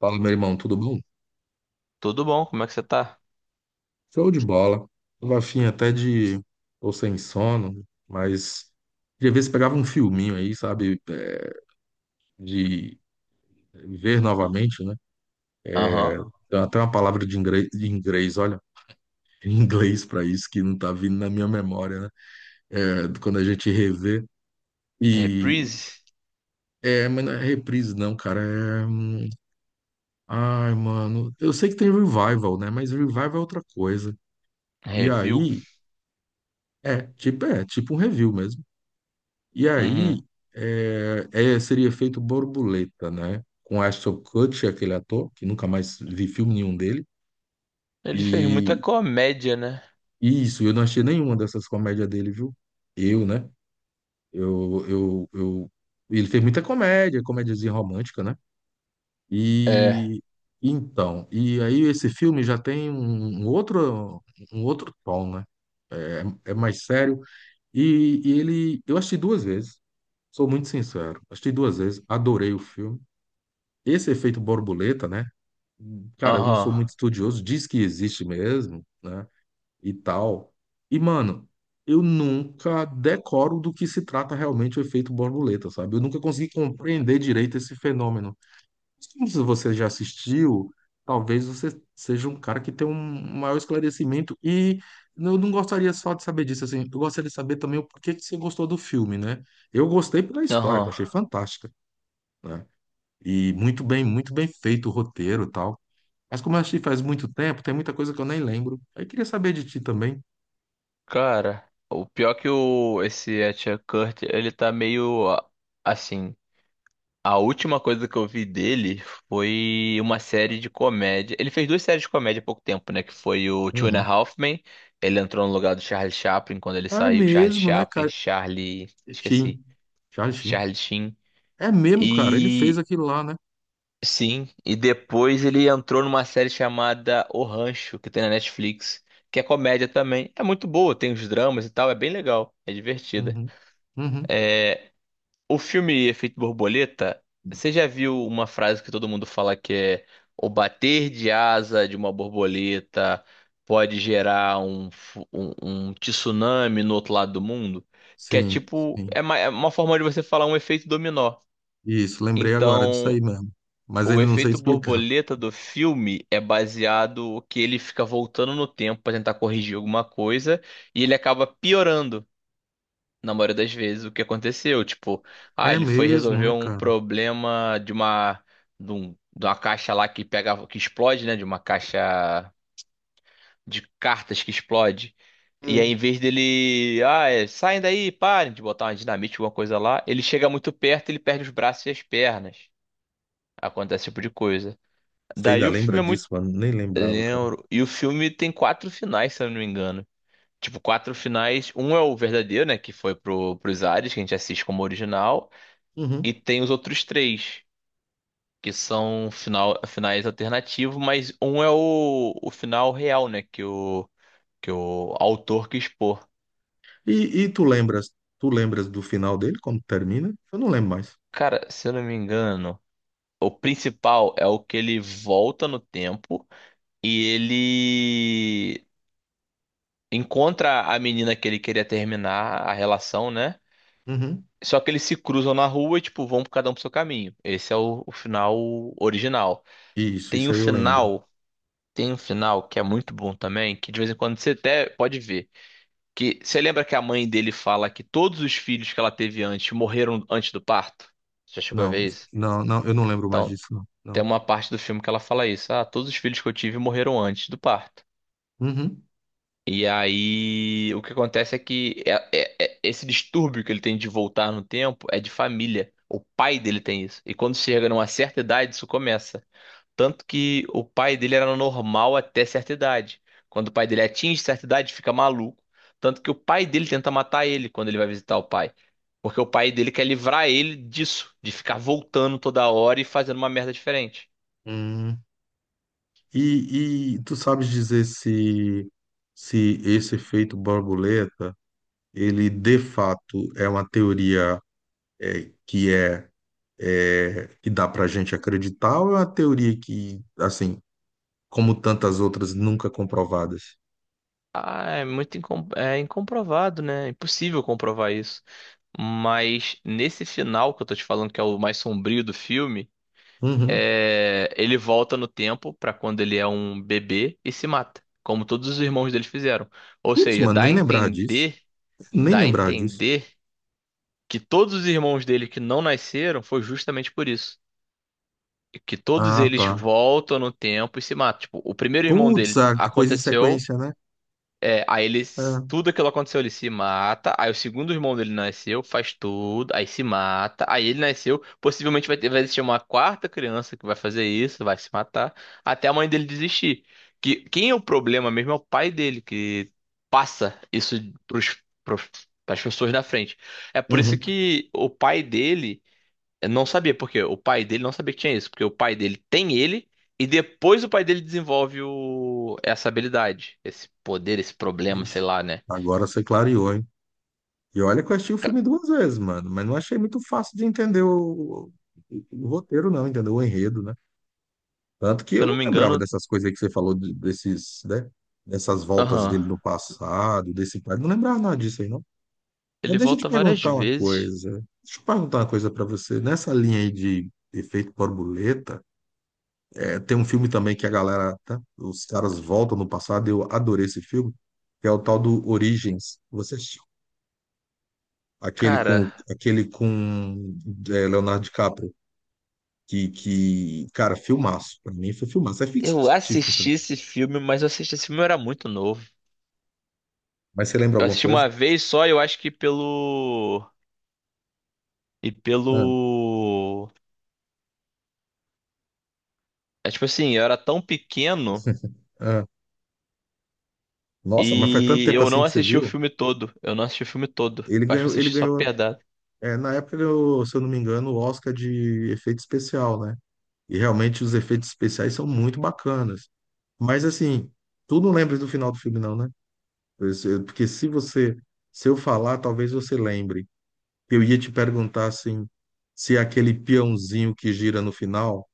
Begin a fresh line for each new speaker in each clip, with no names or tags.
Fala, meu irmão, tudo bom?
Tudo bom? Como é que você tá?
Show de bola. Tava afim até de. Tô sem sono, mas queria ver se pegava um filminho aí, sabe? De ver novamente, né?
Aham.
Tem até uma palavra de inglês, olha, em inglês pra isso que não tá vindo na minha memória, né? É, quando a gente revê. E.
Reprise?
É, mas não é reprise, não, cara. É. Ai, mano. Eu sei que tem revival, né? Mas revival é outra coisa. E
Review?
aí. É tipo um review mesmo. E
Uhum.
aí seria feito Borboleta, né? Com Ashton Kutcher, aquele ator, que nunca mais vi filme nenhum dele.
Ele fez muita
E,
comédia, né?
e isso, eu não achei nenhuma dessas comédias dele, viu? Eu, né? Eu, ele fez muita comédia, comédiazinha romântica, né?
É.
E então, e aí esse filme já tem um outro, um outro tom, né? É, é mais sério. E ele, eu assisti duas vezes, sou muito sincero, assisti duas vezes, adorei o filme. Esse efeito borboleta, né? Cara, eu não
Aham.
sou muito estudioso, diz que existe mesmo, né? E tal. E, mano, eu nunca decoro do que se trata realmente o efeito borboleta, sabe? Eu nunca consegui compreender direito esse fenômeno. Como se você já assistiu, talvez você seja um cara que tem um maior esclarecimento. E eu não gostaria só de saber disso, assim. Eu gostaria de saber também o porquê que você gostou do filme, né? Eu gostei pela história, que eu
Aham.
achei fantástica, né? E muito bem feito o roteiro e tal. Mas como eu assisti faz muito tempo, tem muita coisa que eu nem lembro. Aí queria saber de ti também.
Cara, o pior é que o esse Etcher Kurt, ele tá meio assim. A última coisa que eu vi dele foi uma série de comédia. Ele fez duas séries de comédia há pouco tempo, né? Que foi o Two and a
Uhum.
Half Men. Ele entrou no lugar do Charlie Chaplin quando ele
Ah, é
saiu. Charlie
mesmo, né,
Chaplin,
cara?
Charlie. Esqueci.
Sheen. Charlie Sheen.
Charlie Sheen.
É mesmo, cara. Ele fez
E
aquilo lá, né?
sim, e depois ele entrou numa série chamada O Rancho, que tem na Netflix, que é comédia também. É muito boa, tem os dramas e tal, é bem legal, é divertida.
Uhum. Uhum.
O filme Efeito Borboleta, você já viu uma frase que todo mundo fala que é o bater de asa de uma borboleta pode gerar um tsunami no outro lado do mundo? Que é
Sim,
tipo,
sim.
é é uma forma de você falar um efeito dominó.
Isso, lembrei agora disso
Então,
aí mesmo. Mas
o
ainda não sei
efeito
explicar.
borboleta do filme é baseado que ele fica voltando no tempo para tentar corrigir alguma coisa e ele acaba piorando na maioria das vezes o que aconteceu. Tipo, ah,
É
ele foi
mesmo,
resolver
né,
um
cara?
problema de uma de uma caixa lá que pega que explode, né? De uma caixa de cartas que explode. E aí,
Hum.
em vez dele, ah, é, saem daí, parem de botar uma dinamite, alguma coisa lá, ele chega muito perto, ele perde os braços e as pernas. Acontece esse tipo de coisa.
Você
Daí
ainda
o
lembra
filme é muito
disso, mano? Nem lembrava, cara.
lembro. E o filme tem quatro finais, se eu não me engano. Tipo, quatro finais. Um é o verdadeiro, né? Que foi pro, pros ares, que a gente assiste como original. E
Uhum.
tem os outros três, que são finais alternativos, mas um é o final real, né? Que o autor quis pôr.
E, e tu lembras, tu lembras do final dele, quando termina? Eu não lembro mais.
Cara, se eu não me engano, o principal é o que ele volta no tempo e ele encontra a menina que ele queria terminar a relação, né?
Uhum.
Só que eles se cruzam na rua e, tipo, vão cada um pro seu caminho. Esse é o final original.
Isso,
Tem
isso
um
aí eu lembro.
final, tem um final que é muito bom também, que de vez em quando você até pode ver. Que você lembra que a mãe dele fala que todos os filhos que ela teve antes morreram antes do parto? Você já chegou a
Não,
ver isso?
não, não, eu não lembro mais
Então,
disso, não.
tem
Não.
uma parte do filme que ela fala isso. Ah, todos os filhos que eu tive morreram antes do parto.
Uhum.
E aí, o que acontece é que esse distúrbio que ele tem de voltar no tempo é de família. O pai dele tem isso. E quando chega numa certa idade, isso começa. Tanto que o pai dele era normal até certa idade. Quando o pai dele atinge certa idade, fica maluco. Tanto que o pai dele tenta matar ele quando ele vai visitar o pai. Porque o pai dele quer livrar ele disso, de ficar voltando toda hora e fazendo uma merda diferente.
Hum. E tu sabes dizer se, se esse efeito borboleta, ele de fato é uma teoria é, que é, é que dá pra gente acreditar ou é uma teoria que, assim, como tantas outras, nunca comprovadas?
Ah, é muito é incomprovado, né? É impossível comprovar isso. Mas nesse final que eu tô te falando, que é o mais sombrio do filme,
Uhum.
é, ele volta no tempo pra quando ele é um bebê e se mata, como todos os irmãos dele fizeram. Ou
Putz,
seja,
mano, nem lembrar disso. Nem
dá a
lembrar disso.
entender que todos os irmãos dele que não nasceram foi justamente por isso. Que todos
Ah,
eles
tá.
voltam no tempo e se matam. Tipo, o primeiro irmão
Putz,
dele
a coisa em
aconteceu.
sequência, né?
É, aí ele,
É.
tudo aquilo aconteceu, ele se mata. Aí o segundo irmão dele nasceu, faz tudo, aí se mata. Aí ele nasceu, possivelmente vai ter, vai existir uma quarta criança que vai fazer isso, vai se matar, até a mãe dele desistir. Que quem é o problema mesmo é o pai dele que passa isso pros, pros, pras pessoas na frente. É por isso
Uhum.
que o pai dele, eu não sabia porque o pai dele não sabia que tinha isso, porque o pai dele tem ele e depois o pai dele desenvolve o... essa habilidade, esse poder, esse problema,
Ixi,
sei lá, né?
agora você clareou, hein? E olha que eu assisti o
Ca-
filme duas vezes, mano, mas não achei muito fácil de entender o roteiro, não, entendeu? O enredo, né? Tanto que
Se
eu
eu não
não
me
lembrava
engano,
dessas coisas aí que você falou, desses, né? Dessas voltas
aham,
dele no passado, desse pai. Não lembrava nada disso aí, não. Mas
ele
deixa eu te
volta várias
perguntar uma
vezes.
coisa. Deixa eu perguntar uma coisa pra você. Nessa linha aí de efeito borboleta, é, tem um filme também que a galera, tá? Os caras voltam no passado, eu adorei esse filme, que é o tal do Origens. Você
Cara,
aquele com é, Leonardo DiCaprio, cara, filmaço. Pra mim foi filmaço. É ficção
eu
científica
assisti
também.
esse filme, mas eu era muito novo.
Mas você lembra
Eu
alguma
assisti
coisa?
uma vez só, eu acho que pelo e
Ah,
pelo é tipo assim, eu era tão pequeno
ah. Nossa, mas faz tanto
e
tempo
eu
assim
não
que você
assisti o
viu?
filme todo. Eu não assisti o filme todo.
Ele
Eu acho que eu
ganhou, ele
assisti só
ganhou,
pedaço.
na época ele ganhou, se eu não me engano, o Oscar de efeito especial, né? E realmente os efeitos especiais são muito bacanas. Mas assim, tu não lembra do final do filme, não, né? Porque se você, se eu falar, talvez você lembre. Eu ia te perguntar assim, se aquele peãozinho que gira no final,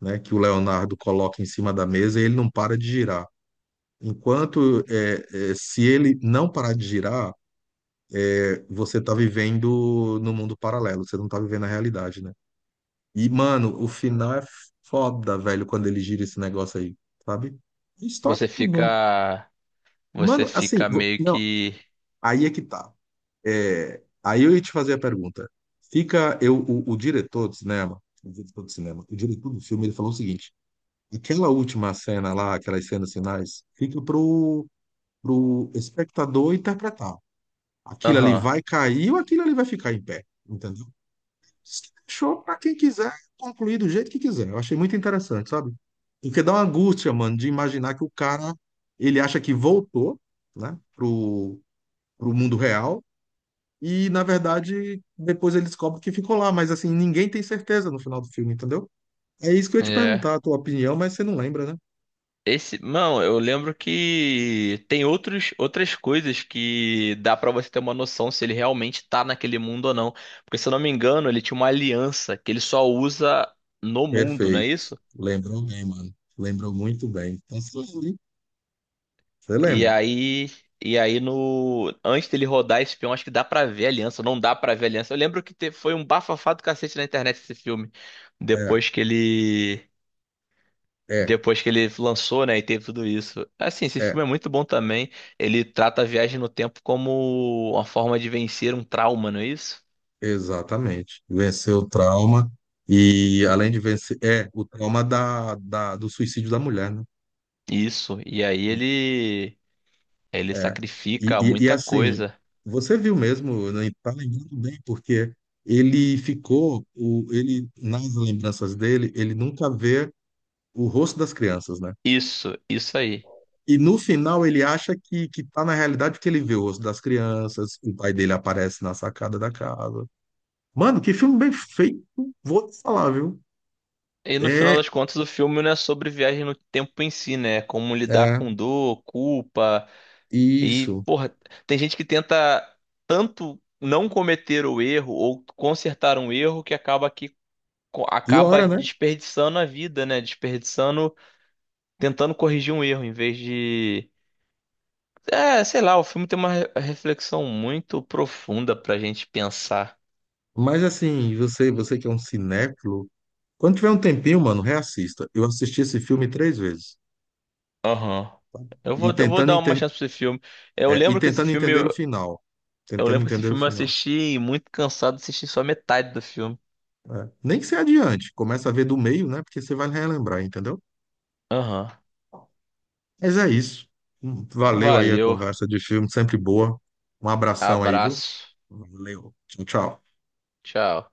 né, que o Leonardo coloca em cima da mesa, ele não para de girar. Enquanto se ele não parar de girar, você tá vivendo no mundo paralelo, você não tá vivendo a realidade, né? E, mano, o final é foda, velho, quando ele gira esse negócio aí, sabe? História
Você
não.
fica. Você
Mano, assim,
fica meio
não,
que.
aí é que tá. É, aí eu ia te fazer a pergunta. Fica eu, o diretor do cinema, o diretor do cinema, o diretor do filme, ele falou o seguinte: aquela última cena lá, aquelas cenas finais, fica pro espectador interpretar. Aquilo ali
Aham.
vai cair ou aquilo ali vai ficar em pé, entendeu? Isso que deixou para quem quiser concluir do jeito que quiser. Eu achei muito interessante, sabe? Porque dá uma angústia, mano, de imaginar que o cara ele acha que voltou, né, pro mundo real e, na verdade, depois ele descobre que ficou lá, mas assim, ninguém tem certeza no final do filme, entendeu? É isso que eu ia te
É.
perguntar, a tua opinião, mas você não lembra, né?
Esse. Não, eu lembro que tem outras coisas que dá pra você ter uma noção se ele realmente tá naquele mundo ou não. Porque, se eu não me engano, ele tinha uma aliança que ele só usa no mundo, não é
Perfeito.
isso?
Lembrou bem, mano. Lembrou muito bem. Então, se você li, você
E
lembra?
aí. E aí no. Antes dele rodar esse filme, acho que dá pra ver a aliança. Não dá pra ver a aliança. Eu lembro que foi um bafafá do cacete na internet esse filme.
É,
Depois que ele.
é,
Depois que ele lançou, né, e teve tudo isso. Assim, esse
é.
filme é muito bom também. Ele trata a viagem no tempo como uma forma de vencer um trauma, não é isso?
Exatamente. Venceu o trauma e, além de vencer, é o trauma do suicídio da mulher, né?
Isso. E aí ele
É. E,
sacrifica
e, e,
muita
assim,
coisa.
você viu mesmo, né, tá lembrando bem, porque ele ficou, ele, nas lembranças dele, ele nunca vê o rosto das crianças, né?
Isso aí.
E no final ele acha que tá na realidade porque ele vê o rosto das crianças, o pai dele aparece na sacada da casa. Mano, que filme bem feito, vou te falar, viu?
E no final
É,
das contas, o filme não é sobre viagem no tempo em si, né? É como lidar
é,
com dor, culpa e,
isso.
porra, tem gente que tenta tanto não cometer o erro ou consertar um erro que acaba que
E
acaba
ora né?
desperdiçando a vida, né? Desperdiçando, tentando corrigir um erro, em vez de. É, sei lá, o filme tem uma reflexão muito profunda pra gente pensar.
Mas assim, você que é um cinéfilo, quando tiver um tempinho, mano, reassista. Eu assisti esse filme 3 vezes.
Aham.
E
Eu vou
tentando,
dar uma
enten-
chance pra esse filme. Eu
e
lembro que esse
tentando
filme,
entender o final.
eu
Tentando
lembro que esse
entender o
filme eu
final.
assisti muito cansado, assisti só metade do filme.
É. Nem que você adiante. Começa a ver do meio, né? Porque você vai relembrar, entendeu?
Aham.
Mas é isso. Valeu aí a
Valeu.
conversa de filme, sempre boa. Um abração aí, viu?
Abraço.
Valeu. Tchau, tchau.
Tchau.